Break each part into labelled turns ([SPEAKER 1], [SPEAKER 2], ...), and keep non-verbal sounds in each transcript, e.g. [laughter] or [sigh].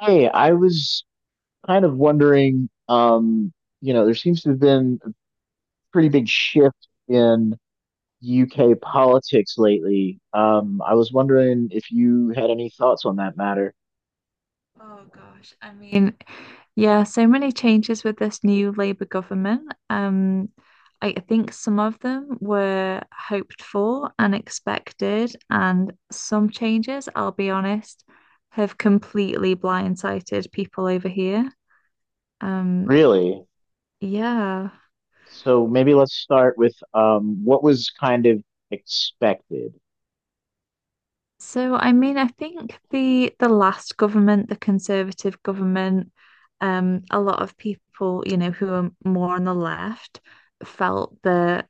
[SPEAKER 1] Hey, I was kind of wondering, there seems to have been a pretty big shift in UK politics lately. I was wondering if you had any thoughts on that matter.
[SPEAKER 2] Oh gosh, I mean, yeah, so many changes with this new Labour government. I think some of them were hoped for and expected, and some changes, I'll be honest, have completely blindsided people over here. Um,
[SPEAKER 1] Really?
[SPEAKER 2] yeah.
[SPEAKER 1] So maybe let's start with what was kind of expected.
[SPEAKER 2] So I mean, I think the last government, the Conservative government, a lot of people, you know, who are more on the left felt that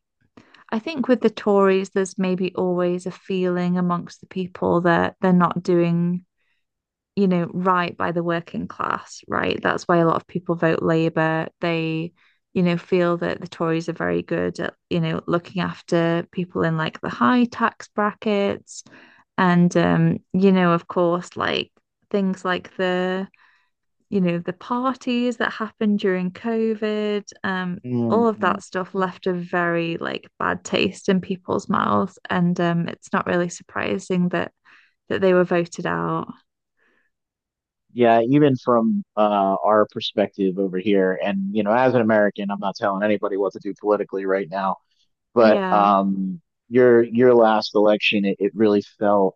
[SPEAKER 2] I think with the Tories, there's maybe always a feeling amongst the people that they're not doing, you know, right by the working class, right? That's why a lot of people vote Labour. They, you know, feel that the Tories are very good at, you know, looking after people in like the high tax brackets. You know, of course, like things like the you know, the parties that happened during COVID, all of that
[SPEAKER 1] Mhm.
[SPEAKER 2] stuff left a very like bad taste in people's mouths. And it's not really surprising that they were voted out.
[SPEAKER 1] Yeah, even from our perspective over here, and you know, as an American, I'm not telling anybody what to do politically right now. But
[SPEAKER 2] Yeah.
[SPEAKER 1] your last election, it really felt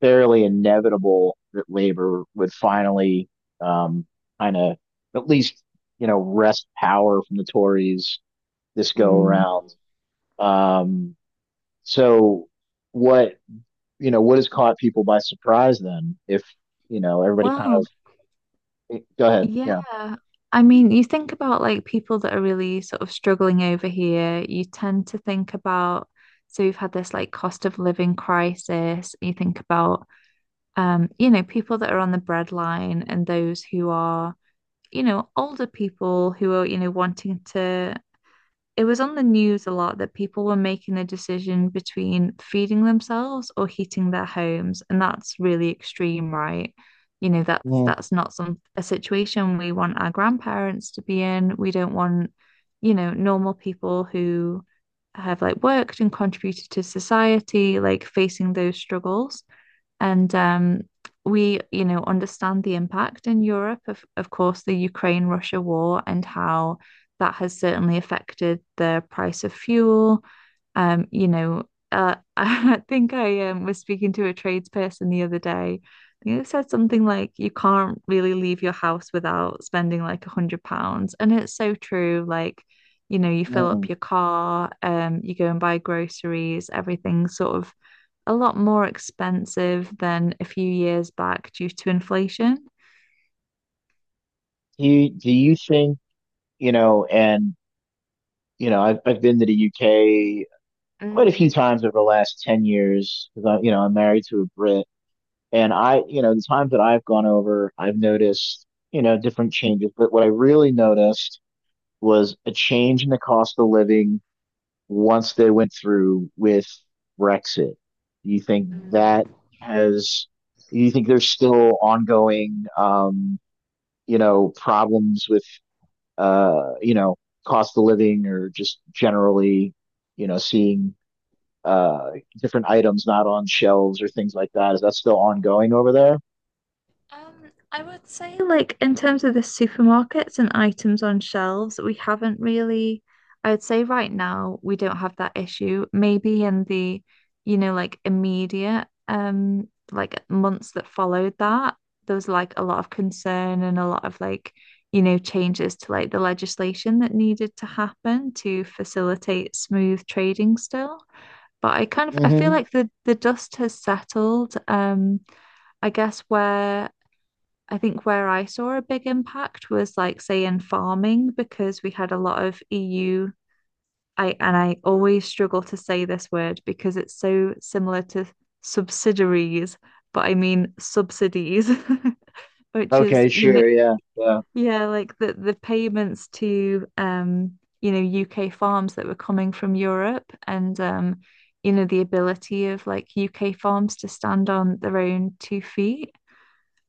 [SPEAKER 1] fairly inevitable that Labor would finally um, kind of at least you know wrest power from the Tories this go
[SPEAKER 2] Mm.
[SPEAKER 1] around. Um, so what you know what has caught people by surprise then? If you know everybody kind of
[SPEAKER 2] Well,
[SPEAKER 1] go ahead, yeah.
[SPEAKER 2] yeah. I mean, you think about like people that are really sort of struggling over here, you tend to think about, so we've had this like cost of living crisis. You think about, you know, people that are on the breadline and those who are you know, older people who are, you know, wanting to. It was on the news a lot that people were making a decision between feeding themselves or heating their homes, and that's really extreme, right? You know, that's
[SPEAKER 1] mm
[SPEAKER 2] not some a situation we want our grandparents to be in. We don't want, you know, normal people who have like worked and contributed to society, like facing those struggles. And we, you know, understand the impact in Europe of course, the Ukraine-Russia war and how that has certainly affected the price of fuel. You know, [laughs] I think I was speaking to a tradesperson the other day. I think it said something like, you can't really leave your house without spending like £100. And it's so true. Like, you know, you fill up
[SPEAKER 1] mm.
[SPEAKER 2] your car, you go and buy groceries, everything sort of a lot more expensive than a few years back due to inflation.
[SPEAKER 1] Do you think you know and you know I've been to the UK quite a few
[SPEAKER 2] Mm.
[SPEAKER 1] times over the last 10 years because I, you know, I'm married to a Brit and I, you know, the times that I've gone over, I've noticed, you know, different changes. But what I really noticed was a change in the cost of living once they went through with Brexit. Do you think that has, do you think there's still ongoing, you know, problems with, you know, cost of living or just generally, you know, seeing uh, different items not on shelves or things like that. Is that still ongoing over there?
[SPEAKER 2] Um, I would say, like, in terms of the supermarkets and items on shelves, we haven't really, I would say right now, we don't have that issue. Maybe in the you know, like immediate, like months that followed that, there was like a lot of concern and a lot of like, you know, changes to like the legislation that needed to happen to facilitate smooth trading still. But I kind of I feel
[SPEAKER 1] Mm-hmm.
[SPEAKER 2] like the dust has settled. I guess where I think where I saw a big impact was like say in farming because we had a lot of EU. I and I always struggle to say this word because it's so similar to subsidiaries, but I mean subsidies, [laughs] which is
[SPEAKER 1] Okay,
[SPEAKER 2] you know
[SPEAKER 1] sure, yeah, yeah.
[SPEAKER 2] yeah, like the payments to you know, UK farms that were coming from Europe and you know, the ability of like UK farms to stand on their own two feet.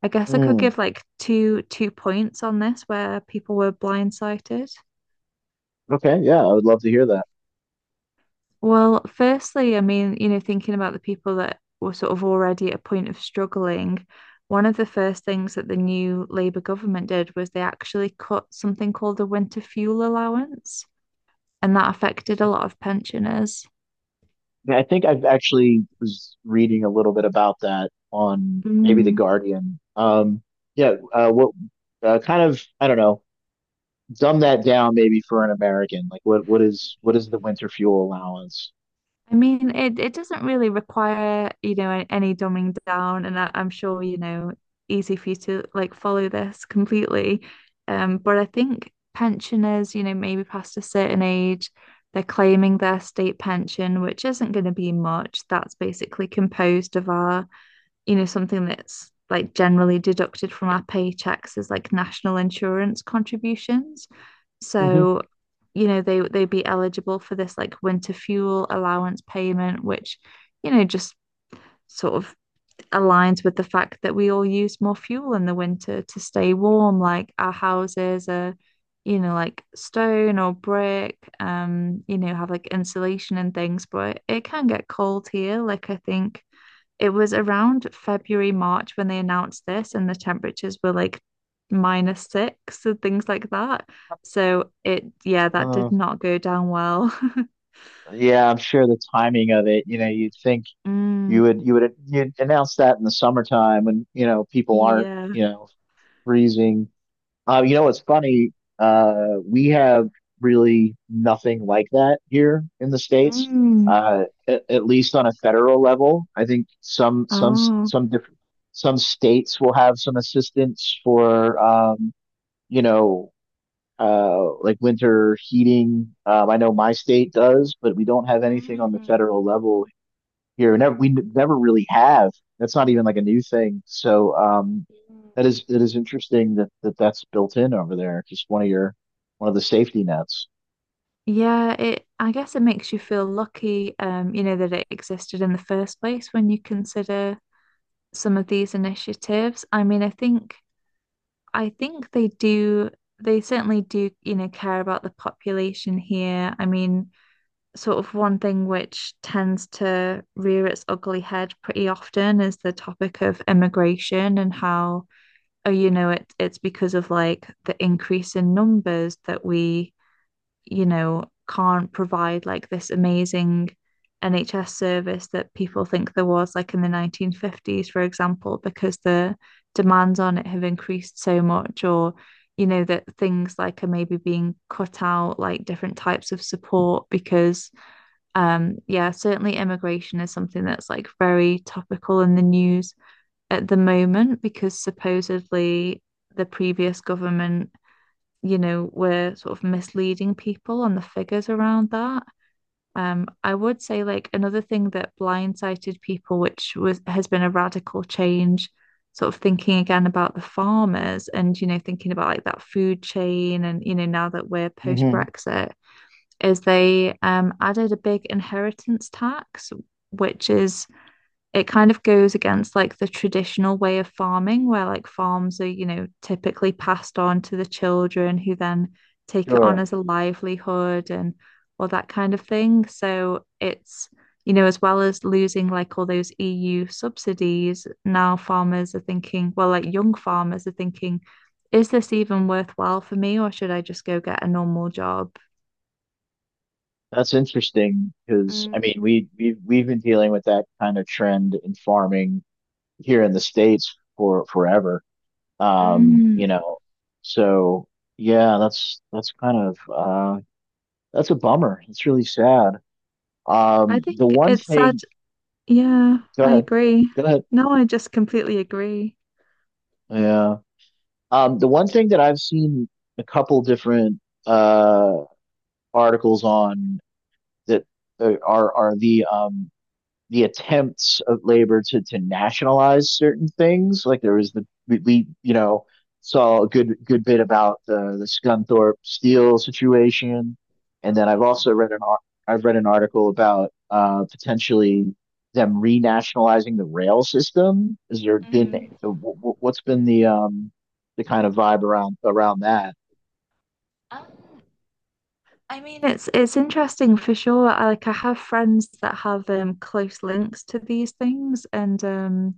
[SPEAKER 2] I guess I could
[SPEAKER 1] Mm,
[SPEAKER 2] give like two points on this where people were blindsided.
[SPEAKER 1] okay, yeah, I would love to hear that.
[SPEAKER 2] Well, firstly, I mean, you know, thinking about the people that were sort of already at a point of struggling, one of the first things that the new Labour government did was they actually cut something called the winter fuel allowance. And that affected a lot of pensioners.
[SPEAKER 1] Yeah, I think I've actually was reading a little bit about that on maybe The
[SPEAKER 2] Mm.
[SPEAKER 1] Guardian. Yeah, what kind of I don't know, dumb that down maybe for an American. Like what is the winter fuel allowance?
[SPEAKER 2] I mean, it doesn't really require, you know, any dumbing down, and I, I'm sure, you know, easy for you to like follow this completely. But I think pensioners, you know, maybe past a certain age, they're claiming their state pension, which isn't going to be much. That's basically composed of our you know, something that's like generally deducted from our paychecks is like national insurance contributions.
[SPEAKER 1] Mm-hmm.
[SPEAKER 2] So, you know, they'd be eligible for this like winter fuel allowance payment, which, you know, just sort of aligns with the fact that we all use more fuel in the winter to stay warm. Like our houses are, you know, like stone or brick, you know, have like insulation and things, but it can get cold here. Like I think it was around February, March when they announced this, and the temperatures were like -6 and things like that. So it, yeah, that
[SPEAKER 1] Uh,
[SPEAKER 2] did not go down well. [laughs]
[SPEAKER 1] yeah, I'm sure the timing of it, you know, you'd think
[SPEAKER 2] Mm,
[SPEAKER 1] you would you'd announce that in the summertime when you know people aren't
[SPEAKER 2] yeah.
[SPEAKER 1] you know freezing. You know what's funny? We have really nothing like that here in the States.
[SPEAKER 2] Mm.
[SPEAKER 1] At least on a federal level, I think some some
[SPEAKER 2] Oh.
[SPEAKER 1] some different some states will have some assistance for you know like winter heating. I know my state does, but we don't have anything on the
[SPEAKER 2] Mm,
[SPEAKER 1] federal level here. Never, we never really have. That's not even like a new thing. So
[SPEAKER 2] mm.
[SPEAKER 1] that is interesting that, that that's built in over there. Just one of your one of the safety nets.
[SPEAKER 2] Yeah, it I guess it makes you feel lucky, you know, that it existed in the first place when you consider some of these initiatives. I mean, I think they do, they certainly do, you know, care about the population here. I mean, sort of one thing which tends to rear its ugly head pretty often is the topic of immigration and how, oh, you know, it, it's because of like the increase in numbers that we you know, can't provide like this amazing NHS service that people think there was like in the 1950s, for example, because the demands on it have increased so much, or, you know, that things like are maybe being cut out, like different types of support, because, yeah, certainly immigration is something that's like very topical in the news at the moment, because supposedly the previous government you know, we're sort of misleading people on the figures around that. I would say like another thing that blindsided people, which was has been a radical change, sort of thinking again about the farmers and, you know, thinking about like that food chain and, you know, now that we're post
[SPEAKER 1] Hmm.
[SPEAKER 2] Brexit, is they added a big inheritance tax, which is it kind of goes against like the traditional way of farming where like farms are you know typically passed on to the children who then take it on
[SPEAKER 1] Sure.
[SPEAKER 2] as a livelihood and all that kind of thing so it's you know as well as losing like all those EU subsidies now farmers are thinking well like young farmers are thinking is this even worthwhile for me or should I just go get a normal job.
[SPEAKER 1] That's interesting because I
[SPEAKER 2] Mm.
[SPEAKER 1] mean we've been dealing with that kind of trend in farming here in the States for forever. You
[SPEAKER 2] Mm.
[SPEAKER 1] know, so yeah, that's kind of that's a bummer. It's really sad.
[SPEAKER 2] I
[SPEAKER 1] The
[SPEAKER 2] think
[SPEAKER 1] one
[SPEAKER 2] it's sad.
[SPEAKER 1] thing,
[SPEAKER 2] Yeah,
[SPEAKER 1] go
[SPEAKER 2] I
[SPEAKER 1] ahead.
[SPEAKER 2] agree.
[SPEAKER 1] Go ahead.
[SPEAKER 2] No, I just completely agree.
[SPEAKER 1] Yeah. The one thing that I've seen a couple different uh articles on that are the attempts of labor to nationalize certain things. Like there was the we you know saw a good bit about the Scunthorpe Steel situation, and
[SPEAKER 2] Oh
[SPEAKER 1] then
[SPEAKER 2] yeah.
[SPEAKER 1] I've read an article about potentially them renationalizing the rail system. Is there been uh, what's been the kind of vibe around around that?
[SPEAKER 2] Um, I mean, it's interesting for sure. I, like I have friends that have close links to these things, and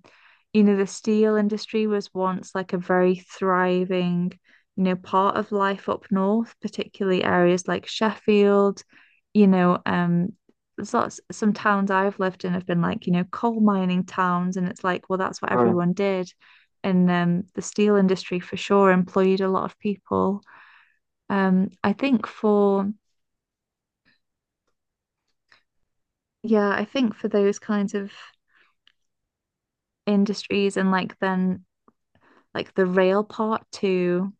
[SPEAKER 2] you know, the steel industry was once like a very thriving, you know, part of life up north, particularly areas like Sheffield, you know, there's lots some towns I've lived in have been like, you know, coal mining towns, and it's like, well, that's what
[SPEAKER 1] Sure.
[SPEAKER 2] everyone did. And the steel industry for sure employed a lot of people. I think for, yeah, I think for those kinds of industries and like then like the rail part too.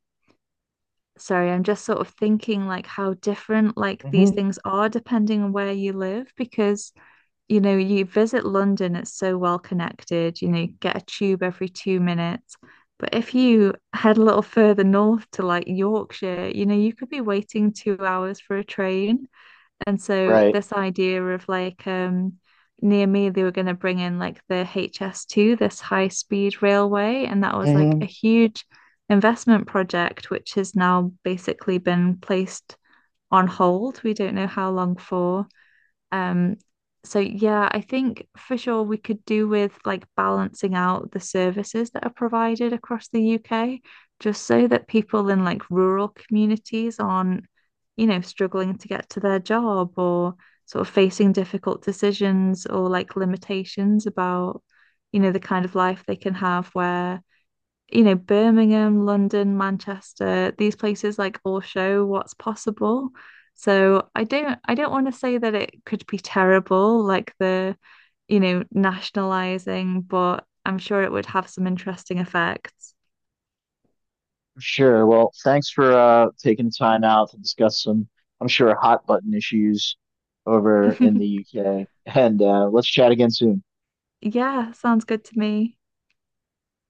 [SPEAKER 2] Sorry, I'm just sort of thinking like how different like these
[SPEAKER 1] Hmm.
[SPEAKER 2] things are depending on where you live because you know you visit London, it's so well connected, you know, you get a tube every 2 minutes. But if you head a little further north to like Yorkshire, you know, you could be waiting 2 hours for a train. And so
[SPEAKER 1] Right.
[SPEAKER 2] this idea of like near me they were going to bring in like the HS2, this high speed railway, and that was like
[SPEAKER 1] Mm-hmm.
[SPEAKER 2] a huge investment project which has now basically been placed on hold. We don't know how long for. Um, so yeah, I think for sure we could do with like balancing out the services that are provided across the UK, just so that people in like rural communities aren't, you know, struggling to get to their job or sort of facing difficult decisions or like limitations about, you know, the kind of life they can have where you know, Birmingham, London, Manchester, these places like all show what's possible. So I don't want to say that it could be terrible, like the, you know, nationalizing, but I'm sure it would have some interesting effects.
[SPEAKER 1] Sure. Well, thanks for taking the time out to discuss some, I'm sure, hot button issues over in
[SPEAKER 2] [laughs]
[SPEAKER 1] the UK. And let's chat again soon.
[SPEAKER 2] Yeah, sounds good to me.